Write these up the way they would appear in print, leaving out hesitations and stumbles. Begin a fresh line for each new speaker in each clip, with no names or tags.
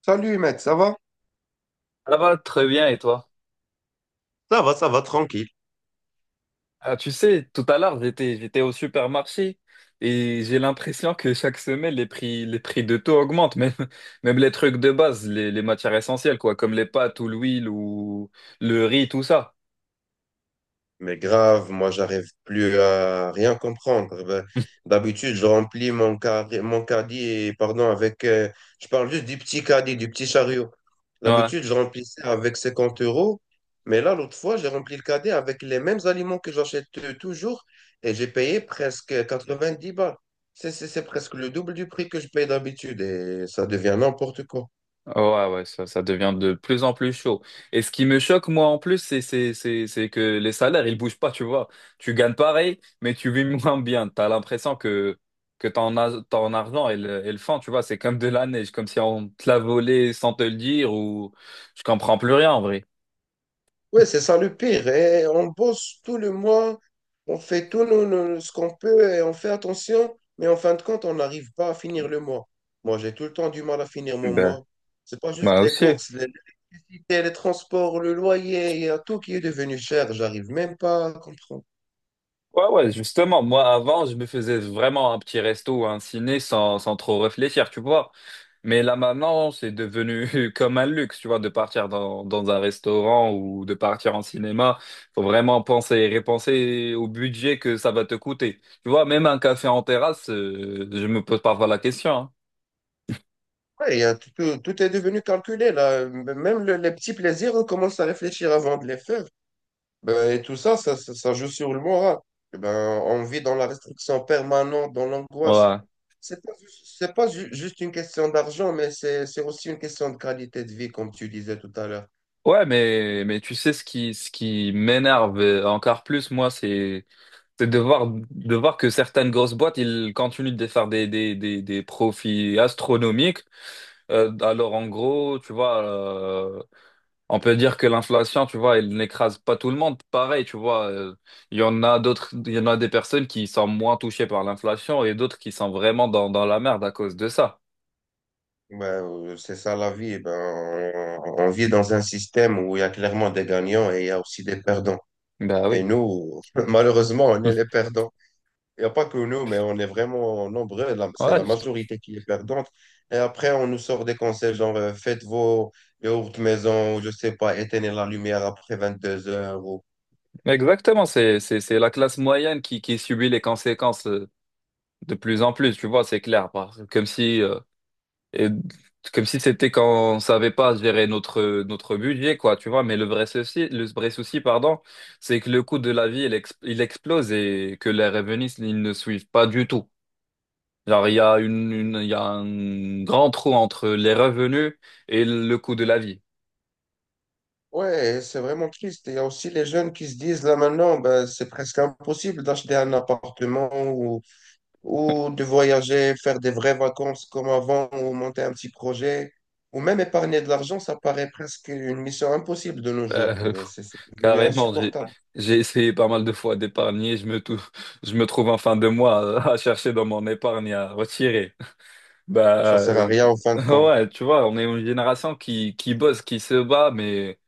Salut mec, ça va?
Ça va très bien, et toi?
Ça va, ça va, tranquille.
Ah, tu sais, tout à l'heure, j'étais au supermarché et j'ai l'impression que chaque semaine, les prix de tout augmentent, même les trucs de base, les matières essentielles, quoi, comme les pâtes ou l'huile ou le riz, tout ça.
Mais grave, moi j'arrive plus à rien comprendre. D'habitude, je remplis mon caddie, et, pardon, avec. Je parle juste du petit caddie, du petit chariot.
Ouais.
D'habitude, je remplissais avec 50 euros, mais là, l'autre fois, j'ai rempli le caddie avec les mêmes aliments que j'achète toujours et j'ai payé presque 90 balles. C'est presque le double du prix que je paye d'habitude et ça devient n'importe quoi.
Ouais, ouais, ça devient de plus en plus chaud. Et ce qui me choque, moi, en plus, c'est que les salaires, ils bougent pas, tu vois. Tu gagnes pareil, mais tu vis moins bien. T'as l'impression que ton, ton argent et le fond, tu vois, c'est comme de la neige, comme si on te l'a volé sans te le dire ou je comprends plus rien, en vrai.
Oui, c'est ça le pire. Et on bosse tout le mois, on fait ce qu'on peut et on fait attention, mais en fin de compte, on n'arrive pas à finir le mois. Moi, j'ai tout le temps du mal à finir mon
Ben,
mois. C'est pas juste
moi
les
aussi.
courses, l'électricité, les transports, le loyer, il y a tout qui est devenu cher. J'arrive même pas à comprendre.
Ouais, ouais, justement, moi avant, je me faisais vraiment un petit resto ou un ciné sans trop réfléchir, tu vois. Mais là maintenant, c'est devenu comme un luxe, tu vois, de partir dans un restaurant ou de partir en cinéma. Faut vraiment penser et repenser au budget que ça va te coûter. Tu vois, même un café en terrasse, je me pose parfois la question, hein.
Ouais, il y a tout, tout est devenu calculé là. Même les petits plaisirs, on commence à réfléchir avant de les faire. Ben, et tout ça, ça joue sur le moral. Et ben, on vit dans la restriction permanente, dans l'angoisse.
Ouais.
C'est pas juste une question d'argent, mais c'est aussi une question de qualité de vie, comme tu disais tout à l'heure.
Ouais, mais tu sais, ce qui m'énerve encore plus, moi, c'est de voir que certaines grosses boîtes, ils continuent de faire des profits astronomiques. Alors, en gros, tu vois, on peut dire que l'inflation, tu vois, elle n'écrase pas tout le monde. Pareil, tu vois, il y en a d'autres, il y en a des personnes qui sont moins touchées par l'inflation et d'autres qui sont vraiment dans la merde à cause de ça.
Ben, c'est ça la vie. Eh ben, on vit dans un système où il y a clairement des gagnants et il y a aussi des perdants.
Bah
Et
oui.
nous, malheureusement, on
Hum.
est les perdants. Il n'y a pas que nous, mais on est vraiment nombreux. C'est
Ouais,
la
juste-
majorité qui est perdante. Et après, on nous sort des conseils genre faites vos yaourts maison, ou je sais pas, éteignez la lumière après 22 heures, ou-
Exactement, c'est la classe moyenne qui subit les conséquences de plus en plus, tu vois, c'est clair. Comme si, Et comme si c'était quand on savait pas gérer notre notre budget quoi, tu vois. Mais le vrai souci, le vrai souci, pardon, c'est que le coût de la vie il, il explose et que les revenus ils ne suivent pas du tout, genre il y a il y a un grand trou entre les revenus et le coût de la vie.
Ouais, c'est vraiment triste. Et il y a aussi les jeunes qui se disent là maintenant, ben, c'est presque impossible d'acheter un appartement ou de voyager, faire des vraies vacances comme avant, ou monter un petit projet. Ou même épargner de l'argent, ça paraît presque une mission impossible de nos jours.
Euh, pff,
C'est devenu
carrément. j'ai
insupportable.
j'ai essayé pas mal de fois d'épargner. Je me trouve en fin de mois à chercher dans mon épargne à retirer.
Ça
Bah,
sert à
euh,
rien en fin de compte.
ouais, tu vois, on est une génération qui bosse, qui se bat, mais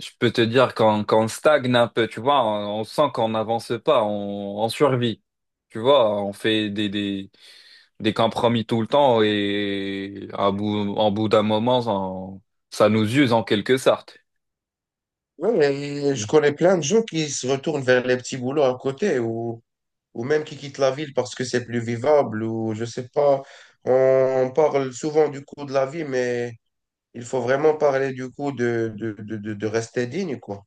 je peux te dire qu'on stagne un peu, tu vois, on sent qu'on n'avance pas, on survit. Tu vois, on fait des compromis tout le temps et en bout d'un moment, on- ça nous use en quelque sorte.
Oui, mais je connais plein de gens qui se retournent vers les petits boulots à côté ou même qui quittent la ville parce que c'est plus vivable ou je sais pas. On parle souvent du coût de la vie, mais il faut vraiment parler du coût de rester digne, quoi.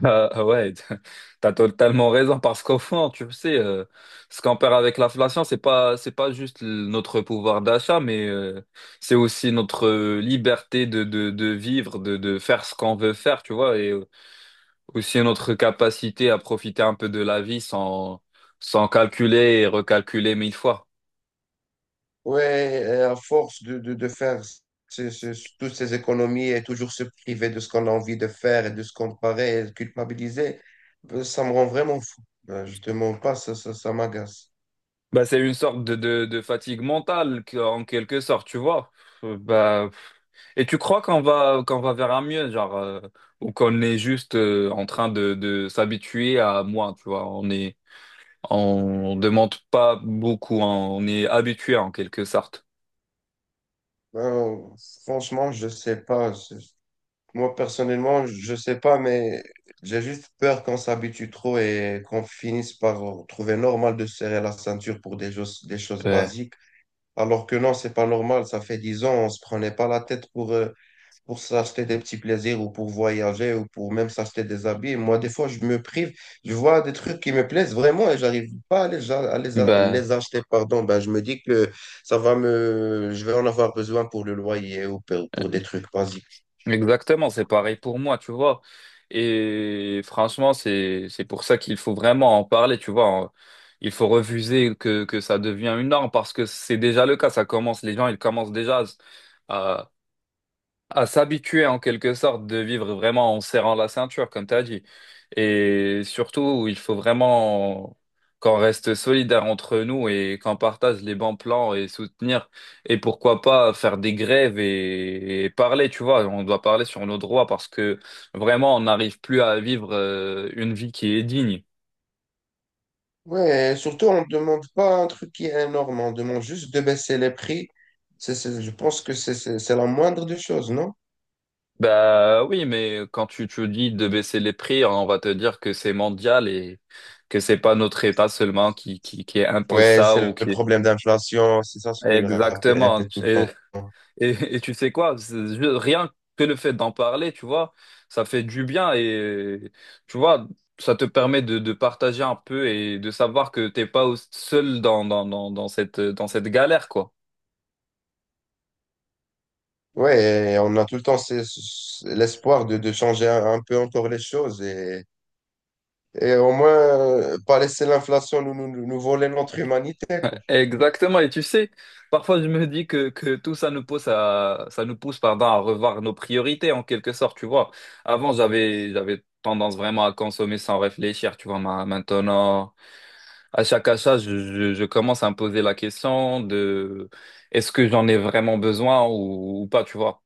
Ouais, t'as totalement raison parce qu'au fond, tu sais, ce qu'on perd avec l'inflation, c'est pas juste notre pouvoir d'achat, mais c'est aussi notre liberté de vivre, de faire ce qu'on veut faire, tu vois, et aussi notre capacité à profiter un peu de la vie sans, sans calculer et recalculer mille fois.
Ouais, et à force de faire toutes ces économies et toujours se priver de ce qu'on a envie de faire et de se comparer et de culpabiliser, ben, ça me rend vraiment fou. Ben, je te mens pas, ça m'agace.
Bah, c'est une sorte de fatigue mentale en quelque sorte, tu vois. Euh, Bah, Et tu crois qu'on va vers un mieux, genre, ou qu'on est juste en train de s'habituer à moins, tu vois, on est on demande pas beaucoup, hein, on est habitué en quelque sorte.
Euh, franchement, je sais pas. C'est- moi, personnellement, je sais pas, mais j'ai juste peur qu'on s'habitue trop et qu'on finisse par trouver normal de serrer la ceinture pour des choses
Ouais.
basiques. Alors que non, c'est pas normal. Ça fait 10 ans, on se prenait pas la tête pour s'acheter des petits plaisirs ou pour voyager ou pour même s'acheter des habits. Moi, des fois, je me prive. Je vois des trucs qui me plaisent vraiment et j'arrive pas à
Bah,
les acheter, pardon. Ben, je me dis que ça va me, je vais en avoir besoin pour le loyer ou pour des trucs basiques.
exactement, c'est pareil pour moi, tu vois. Et franchement, c'est pour ça qu'il faut vraiment en parler, tu vois. Il faut refuser que ça devient une norme parce que c'est déjà le cas, ça commence, les gens ils commencent déjà à à s'habituer en quelque sorte de vivre vraiment en serrant la ceinture, comme tu as dit. Et surtout, il faut vraiment qu'on reste solidaire entre nous et qu'on partage les bons plans et soutenir. Et pourquoi pas faire des grèves et parler, tu vois. On doit parler sur nos droits parce que vraiment, on n'arrive plus à vivre une vie qui est digne.
Ouais, et surtout, on ne demande pas un truc qui est énorme. On demande juste de baisser les prix. C'est- je pense que c'est la moindre des choses, non?
Bah oui, mais quand tu te dis de baisser les prix, on va te dire que c'est mondial et que c'est pas notre État seulement qui impose
Ouais,
ça ou
c'est le
qui.
problème d'inflation. C'est ça ce qu'il rappelle
Exactement.
tout le temps.
Et tu sais quoi? Rien que le fait d'en parler, tu vois, ça fait du bien et tu vois, ça te permet de partager un peu et de savoir que t'es pas seul dans cette galère, quoi.
Ouais, et on a tout le temps l'espoir de changer un peu encore les choses et au moins pas laisser l'inflation nous voler notre humanité, quoi.
Exactement. Et tu sais, parfois je me dis que tout ça nous pousse à, ça nous pousse, pardon, à revoir nos priorités en quelque sorte, tu vois. Avant, j'avais tendance vraiment à consommer sans réfléchir, tu vois, maintenant. À chaque achat, je commence à me poser la question de est-ce que j'en ai vraiment besoin ou pas, tu vois.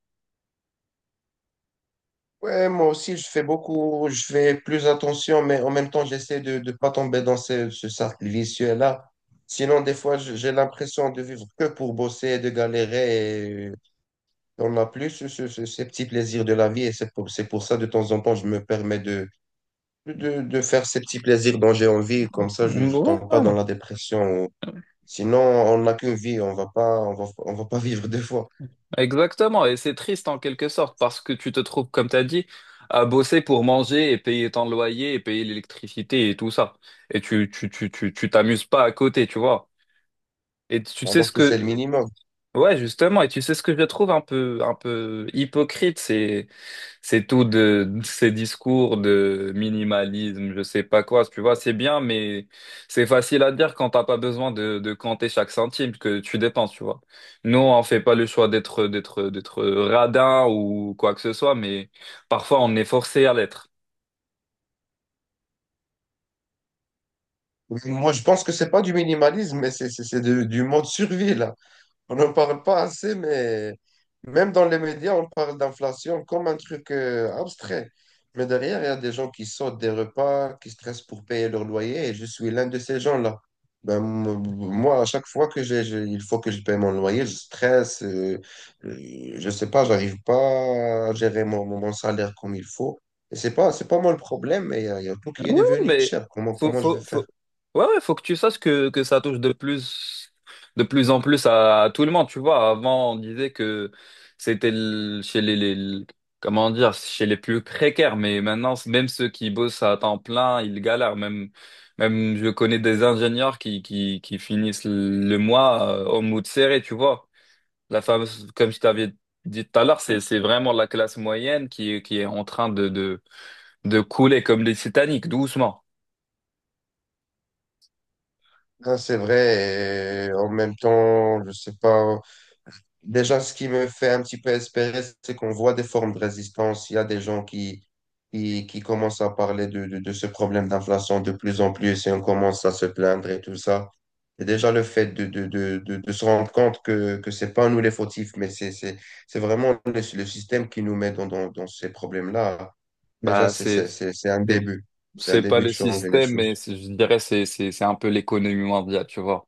Ouais, moi aussi, je fais plus attention, mais en même temps, j'essaie de ne pas tomber dans ce cercle vicieux-là. Sinon, des fois, je- j'ai l'impression de vivre que pour bosser et de galérer et on n'a plus ces petits plaisirs de la vie et c'est pour ça, de temps en temps, je me permets de faire ces petits plaisirs dont j'ai envie, comme ça je ne tombe pas
Ouais,
dans la dépression. Sinon, on n'a qu'une vie, on va pas vivre deux fois,
exactement. Et c'est triste en quelque sorte parce que tu te trouves, comme tu as dit, à bosser pour manger et payer ton loyer et payer l'électricité et tout ça. Et tu t'amuses pas à côté, tu vois. Et tu sais
alors
ce
que c'est le
que,
minimum.
ouais, justement. Et tu sais ce que je trouve un peu hypocrite, c'est tout de ces discours de minimalisme, je sais pas quoi, tu vois, c'est bien, mais c'est facile à dire quand t'as pas besoin de compter chaque centime que tu dépenses, tu vois. Nous, on fait pas le choix d'être radin ou quoi que ce soit, mais parfois on est forcé à l'être.
Moi, je pense que c'est pas du minimalisme, mais du mode survie, là. On n'en parle pas assez, mais même dans les médias, on parle d'inflation comme un truc abstrait. Mais derrière, il y a des gens qui sautent des repas, qui stressent pour payer leur loyer, et je suis l'un de ces gens-là. Ben, m- moi, à chaque fois que il faut que je paye mon loyer, je stresse, je sais pas, j'arrive pas à gérer mon salaire comme il faut. Et c'est pas moi le problème, mais il y a tout
Oui,
qui est
oui,
devenu
mais
cher. Comment, comment je vais faire?
faut... Ouais, ouais, faut que tu saches que ça touche de plus en plus à tout le monde, tu vois. Avant, on disait que c'était chez comment dire, chez les plus précaires, mais maintenant, même ceux qui bossent à temps plein, ils galèrent. Même je connais des ingénieurs qui finissent le mois au mood serré, tu vois. La fameuse, comme je t'avais dit tout à l'heure, c'est vraiment la classe moyenne qui est en train de couler comme les Titanic, doucement.
Ah, c'est vrai, et en même temps, je sais pas. Déjà, ce qui me fait un petit peu espérer, c'est qu'on voit des formes de résistance. Il y a des gens qui commencent à parler de ce problème d'inflation de plus en plus et on commence à se plaindre et tout ça. Et déjà, le fait de se rendre compte que c'est pas nous les fautifs, mais c'est vraiment le système qui nous met dans ces problèmes-là. Déjà,
Bah, c'est,
c'est un
c'est
début. C'est un
c'est pas
début
le
de changer les
système, mais
choses.
je dirais c'est un peu l'économie mondiale, tu vois.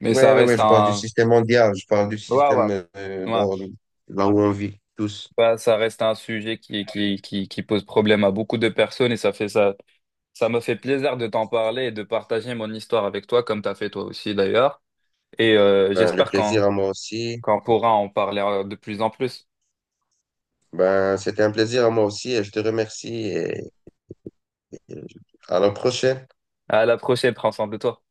Mais ça
Ouais, ouais, ouais,
reste
je parle du
un,
système mondial, je parle du
ouais, ouais,
système
ouais.
dans- là où on vit tous.
Bah, ça reste un sujet qui pose problème à beaucoup de personnes et ça fait ça, ça me fait plaisir de t'en parler et de partager mon histoire avec toi, comme t'as fait toi aussi d'ailleurs. Et
Ben, le
j'espère
plaisir à moi aussi.
qu'on pourra en parler de plus en plus.
Ben, c'était un plaisir à moi aussi et je te remercie et à la prochaine.
À la prochaine, prends soin de toi.